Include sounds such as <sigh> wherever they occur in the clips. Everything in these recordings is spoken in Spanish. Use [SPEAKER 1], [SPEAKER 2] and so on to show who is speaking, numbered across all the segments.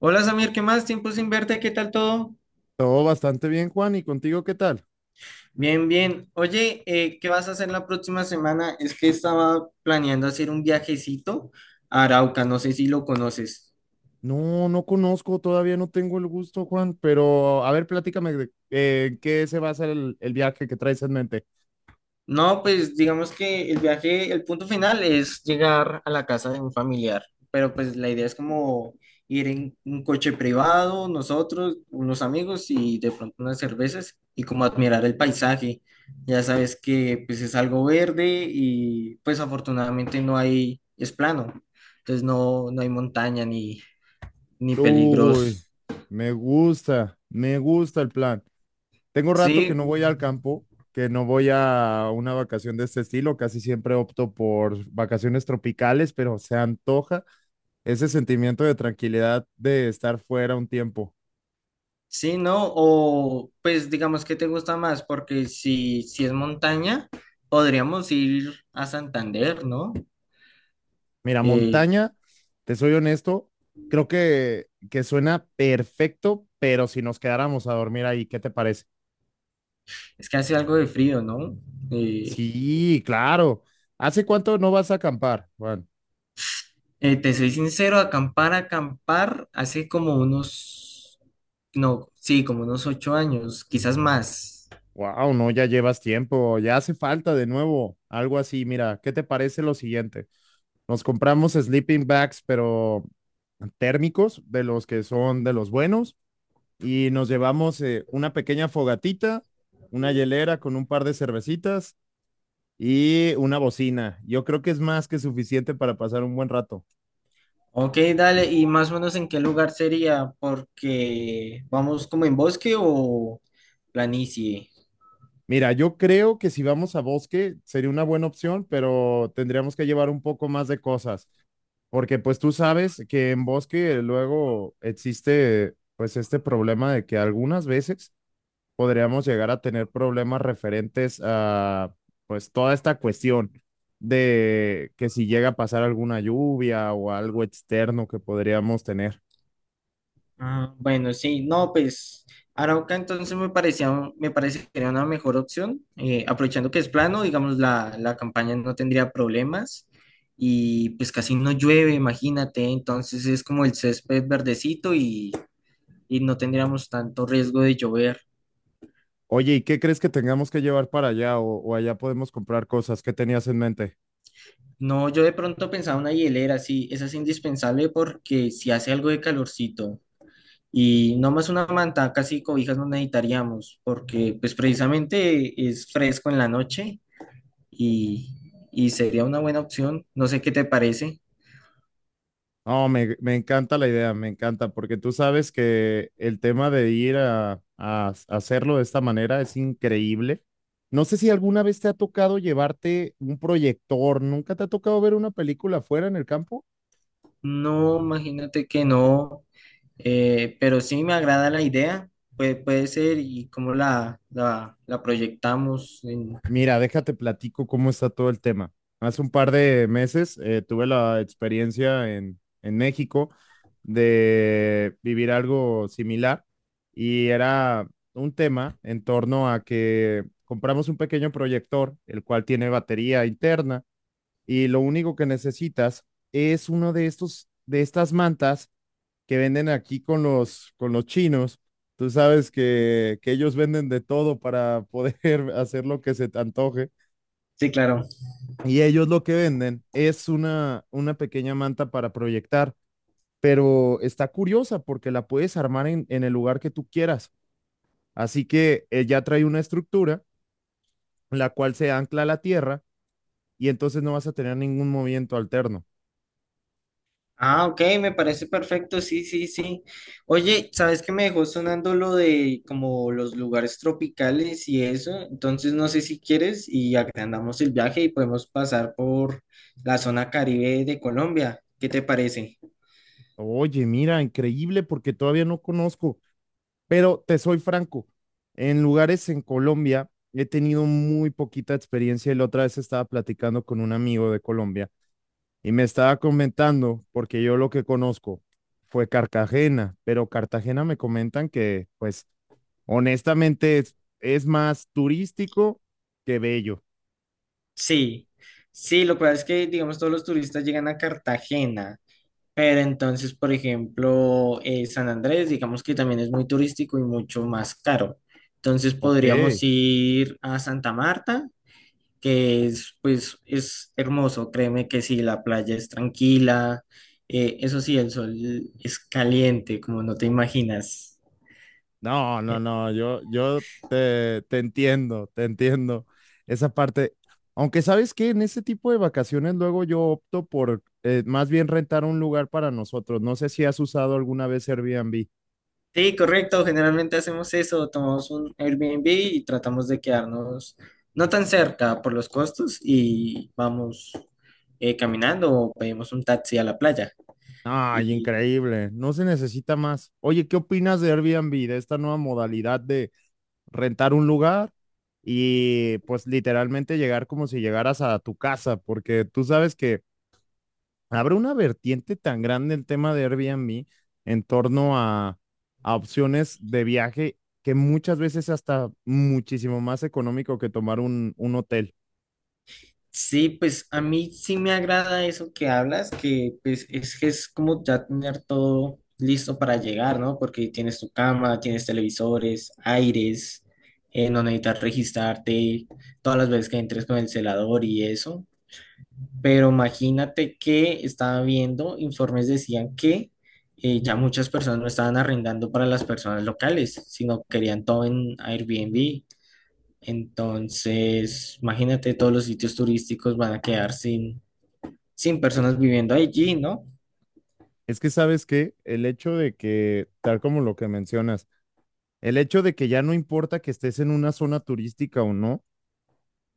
[SPEAKER 1] Hola Samir, ¿qué más? Tiempo sin verte, ¿qué tal todo?
[SPEAKER 2] Todo bastante bien, Juan. ¿Y contigo qué tal?
[SPEAKER 1] Bien, bien. Oye, ¿qué vas a hacer la próxima semana? Es que estaba planeando hacer un viajecito a Arauca, no sé si lo conoces.
[SPEAKER 2] No, no conozco, todavía no tengo el gusto, Juan, pero a ver, platícame de en qué se basa el viaje que traes en mente.
[SPEAKER 1] No, pues digamos que el viaje, el punto final es llegar a la casa de un familiar, pero pues la idea es como ir en un coche privado, nosotros, unos amigos y de pronto unas cervezas y como admirar el paisaje. Ya sabes que pues es algo verde y pues afortunadamente no hay, es plano, entonces no, no hay montaña ni, ni
[SPEAKER 2] Uy,
[SPEAKER 1] peligros,
[SPEAKER 2] me gusta el plan. Tengo rato que
[SPEAKER 1] sí.
[SPEAKER 2] no voy al campo, que no voy a una vacación de este estilo, casi siempre opto por vacaciones tropicales, pero se antoja ese sentimiento de tranquilidad de estar fuera un tiempo.
[SPEAKER 1] Sí, ¿no? O pues digamos que te gusta más, porque si es montaña, podríamos ir a Santander, ¿no?
[SPEAKER 2] Mira,
[SPEAKER 1] Eh,
[SPEAKER 2] montaña, te soy honesto, creo que suena perfecto, pero si nos quedáramos a dormir ahí, ¿qué te parece?
[SPEAKER 1] es que hace algo de frío, ¿no? Eh,
[SPEAKER 2] Sí, claro. ¿Hace cuánto no vas a acampar, Juan?
[SPEAKER 1] te soy sincero, acampar, acampar, hace como unos, no, sí, como unos 8 años, quizás más.
[SPEAKER 2] Wow, no, ya llevas tiempo, ya hace falta de nuevo, algo así. Mira, ¿qué te parece lo siguiente? Nos compramos sleeping bags, pero térmicos, de los que son de los buenos, y nos llevamos una pequeña fogatita, una hielera con un par de cervecitas y una bocina. Yo creo que es más que suficiente para pasar un buen rato.
[SPEAKER 1] Ok, dale, ¿y más o menos en qué lugar sería? Porque vamos como en bosque o planicie.
[SPEAKER 2] Mira, yo creo que si vamos a bosque sería una buena opción, pero tendríamos que llevar un poco más de cosas, porque pues tú sabes que en bosque luego existe pues este problema de que algunas veces podríamos llegar a tener problemas referentes a pues toda esta cuestión de que si llega a pasar alguna lluvia o algo externo que podríamos tener.
[SPEAKER 1] Ah, bueno, sí, no, pues Arauca entonces me parecía, me parece que era una mejor opción, aprovechando que es plano, digamos, la campaña no tendría problemas y pues casi no llueve, imagínate, entonces es como el césped verdecito y no tendríamos tanto riesgo de llover.
[SPEAKER 2] Oye, ¿y qué crees que tengamos que llevar para allá o allá podemos comprar cosas? ¿Qué tenías en mente?
[SPEAKER 1] No, yo de pronto pensaba una hielera, sí, esa es indispensable porque si hace algo de calorcito y no más una manta, casi cobijas no necesitaríamos porque pues precisamente es fresco en la noche y, y sería una buena opción. No sé qué te parece.
[SPEAKER 2] No, me encanta la idea, me encanta, porque tú sabes que el tema de ir a hacerlo de esta manera es increíble. No sé si alguna vez te ha tocado llevarte un proyector, ¿nunca te ha tocado ver una película afuera en el campo?
[SPEAKER 1] No, imagínate que no, pero sí me agrada la idea. Puede ser y cómo la proyectamos.
[SPEAKER 2] Mira, déjate platico cómo está todo el tema. Hace un par de meses tuve la experiencia en México de vivir algo similar y era un tema en torno a que compramos un pequeño proyector, el cual tiene batería interna y lo único que necesitas es uno de estos, de estas mantas que venden aquí con los chinos. Tú sabes que ellos venden de todo para poder <laughs> hacer lo que se te antoje.
[SPEAKER 1] Sí, claro.
[SPEAKER 2] Y ellos lo que venden es una pequeña manta para proyectar, pero está curiosa porque la puedes armar en el lugar que tú quieras. Así que ya trae una estructura, la cual se ancla a la tierra y entonces no vas a tener ningún movimiento alterno.
[SPEAKER 1] Ah, ok, me parece perfecto. Sí, sí, sí. Oye, ¿sabes qué me dejó sonando lo de como los lugares tropicales y eso? Entonces, no sé si quieres y agrandamos el viaje y podemos pasar por la zona Caribe de Colombia. ¿Qué te parece?
[SPEAKER 2] Oye, mira, increíble porque todavía no conozco, pero te soy franco, en lugares en Colombia he tenido muy poquita experiencia y la otra vez estaba platicando con un amigo de Colombia. Y me estaba comentando, porque yo lo que conozco fue Cartagena, pero Cartagena me comentan que, pues, honestamente es más turístico que bello.
[SPEAKER 1] Sí, sí, lo que pasa es que, digamos, todos los turistas llegan a Cartagena, pero entonces, por ejemplo, San Andrés, digamos que también es muy turístico y mucho más caro. Entonces
[SPEAKER 2] Ok.
[SPEAKER 1] podríamos ir a Santa Marta, que es, pues, es hermoso, créeme que sí, la playa es tranquila, eso sí, el sol es caliente, como no te imaginas.
[SPEAKER 2] No, no, no, yo te, te entiendo, te entiendo. Esa parte, aunque sabes que en ese tipo de vacaciones luego yo opto por más bien rentar un lugar para nosotros. No sé si has usado alguna vez Airbnb.
[SPEAKER 1] Sí, correcto. Generalmente hacemos eso, tomamos un Airbnb y tratamos de quedarnos no tan cerca por los costos y vamos caminando o pedimos un taxi a la playa.
[SPEAKER 2] Ay,
[SPEAKER 1] Y
[SPEAKER 2] increíble. No se necesita más. Oye, ¿qué opinas de Airbnb, de esta nueva modalidad de rentar un lugar y pues literalmente llegar como si llegaras a tu casa? Porque tú sabes que abre una vertiente tan grande el tema de Airbnb en torno a opciones de viaje que muchas veces es hasta muchísimo más económico que tomar un hotel.
[SPEAKER 1] sí, pues a mí sí me agrada eso que hablas, que pues es que es como ya tener todo listo para llegar, ¿no? Porque tienes tu cama, tienes televisores, aires, no necesitas registrarte todas las veces que entres con el celador y eso. Pero imagínate que estaba viendo, informes decían que ya muchas personas no estaban arrendando para las personas locales, sino querían todo en Airbnb. Entonces, imagínate, todos los sitios turísticos van a quedar sin, sin personas viviendo allí, ¿no?
[SPEAKER 2] Es que sabes que el hecho de que, tal como lo que mencionas, el hecho de que ya no importa que estés en una zona turística o no,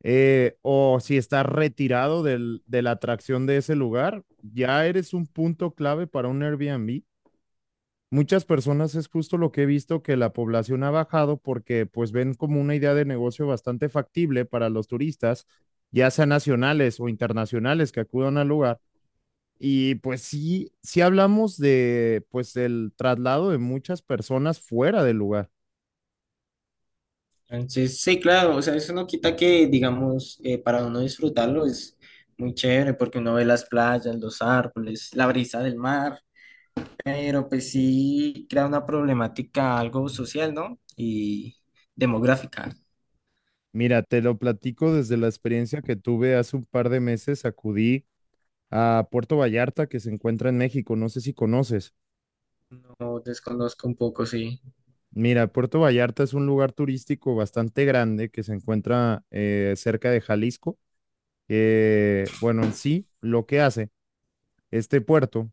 [SPEAKER 2] o si estás retirado del- de la atracción de ese lugar, ya eres un punto clave para un Airbnb. Muchas personas es justo lo que he visto que la población ha bajado porque pues ven como una idea de negocio bastante factible para los turistas, ya sean nacionales o internacionales que acudan al lugar. Y pues sí, sí hablamos de pues del traslado de muchas personas fuera del lugar.
[SPEAKER 1] Entonces, sí, claro, o sea, eso no quita que, digamos, para uno disfrutarlo es muy chévere porque uno ve las playas, los árboles, la brisa del mar. Pero pues sí crea una problemática algo social, ¿no? Y demográfica.
[SPEAKER 2] Mira, te lo platico desde la experiencia que tuve hace un par de meses. Acudí a Puerto Vallarta, que se encuentra en México. No sé si conoces.
[SPEAKER 1] No desconozco un poco, sí.
[SPEAKER 2] Mira, Puerto Vallarta es un lugar turístico bastante grande que se encuentra cerca de Jalisco. Bueno, en sí, lo que hace este puerto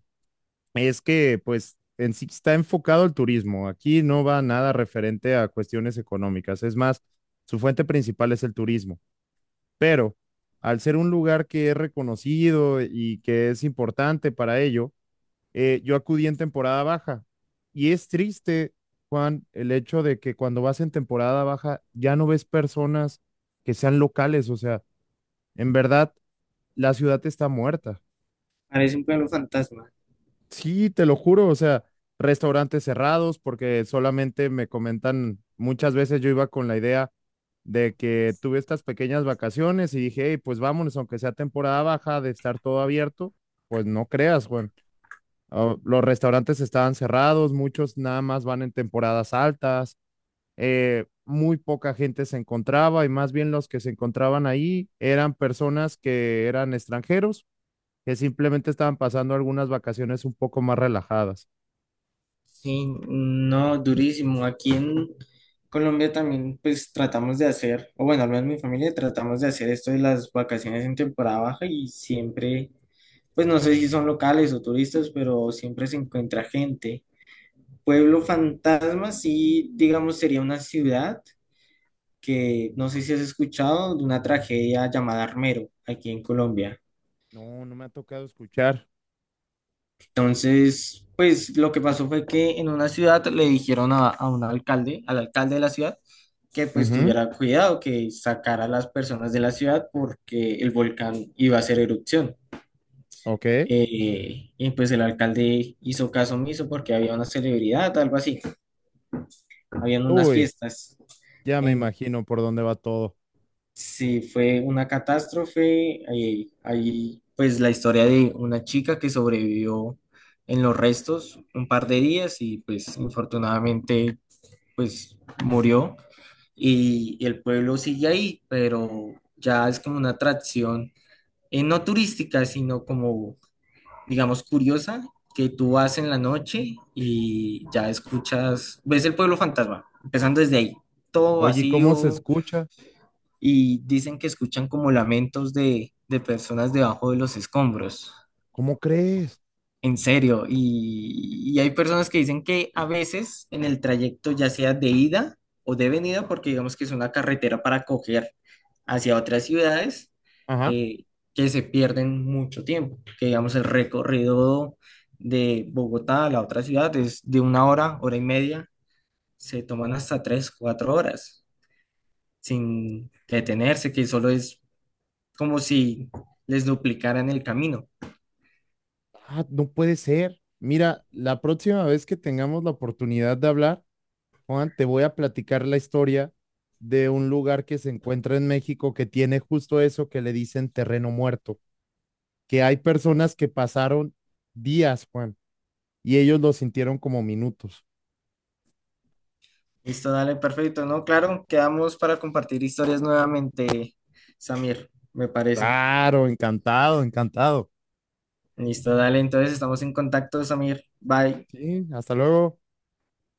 [SPEAKER 2] es que, pues, en sí está enfocado al turismo. Aquí no va nada referente a cuestiones económicas. Es más, su fuente principal es el turismo. Pero al ser un lugar que es reconocido y que es importante para ello, yo acudí en temporada baja. Y es triste, Juan, el hecho de que cuando vas en temporada baja ya no ves personas que sean locales. O sea, en verdad, la ciudad está muerta.
[SPEAKER 1] Parece un pueblo fantasma.
[SPEAKER 2] Sí, te lo juro, o sea, restaurantes cerrados, porque solamente me comentan, muchas veces yo iba con la idea de que tuve estas pequeñas vacaciones y dije, hey, pues vámonos, aunque sea temporada baja de estar todo abierto, pues no creas, Juan. Los restaurantes estaban cerrados, muchos nada más van en temporadas altas, muy poca gente se encontraba y más bien los que se encontraban ahí eran personas que eran extranjeros, que simplemente estaban pasando algunas vacaciones un poco más relajadas.
[SPEAKER 1] Sí, no, durísimo. Aquí en Colombia también pues tratamos de hacer, o bueno, al menos mi familia tratamos de hacer esto de las vacaciones en temporada baja y siempre, pues no sé si son locales o turistas, pero siempre se encuentra gente. Pueblo fantasma, sí, digamos, sería una ciudad que no sé si has escuchado de una tragedia llamada Armero aquí en Colombia.
[SPEAKER 2] No, no me ha tocado escuchar.
[SPEAKER 1] Entonces, pues lo que pasó fue que en una ciudad le dijeron a un alcalde, al alcalde de la ciudad, que pues
[SPEAKER 2] Ujú.
[SPEAKER 1] tuviera cuidado, que sacara a las personas de la ciudad porque el volcán iba a hacer erupción.
[SPEAKER 2] Ok.
[SPEAKER 1] Y pues el alcalde hizo caso omiso porque había una celebridad, algo así, habían unas
[SPEAKER 2] Uy,
[SPEAKER 1] fiestas.
[SPEAKER 2] ya me imagino por dónde va todo.
[SPEAKER 1] Sí, fue una catástrofe. Ahí, ahí, pues la historia de una chica que sobrevivió en los restos un par de días y pues infortunadamente pues murió. Y el pueblo sigue ahí, pero ya es como una atracción, no turística, sino como, digamos, curiosa, que tú vas en la noche y ya escuchas, ves el pueblo fantasma, empezando desde ahí, todo
[SPEAKER 2] Oye, ¿y cómo se
[SPEAKER 1] vacío
[SPEAKER 2] escucha?
[SPEAKER 1] y dicen que escuchan como lamentos de personas debajo de los escombros.
[SPEAKER 2] ¿Cómo crees?
[SPEAKER 1] En serio, y hay personas que dicen que a veces en el trayecto, ya sea de ida o de venida, porque digamos que es una carretera para coger hacia otras ciudades,
[SPEAKER 2] Ajá.
[SPEAKER 1] eh, que se pierden mucho tiempo, que digamos el recorrido de Bogotá a la otra ciudad es de una hora, hora y media, se toman hasta 3, 4 horas sin detenerse, que solo es como si les duplicaran el camino.
[SPEAKER 2] Ah, no puede ser. Mira, la próxima vez que tengamos la oportunidad de hablar, Juan, te voy a platicar la historia de un lugar que se encuentra en México que tiene justo eso que le dicen terreno muerto, que hay personas que pasaron días, Juan, y ellos lo sintieron como minutos.
[SPEAKER 1] Listo, dale, perfecto, ¿no? Claro, quedamos para compartir historias nuevamente, Samir, me parece.
[SPEAKER 2] Claro, encantado, encantado.
[SPEAKER 1] Listo, dale, entonces estamos en contacto, Samir. Bye.
[SPEAKER 2] Sí, hasta luego.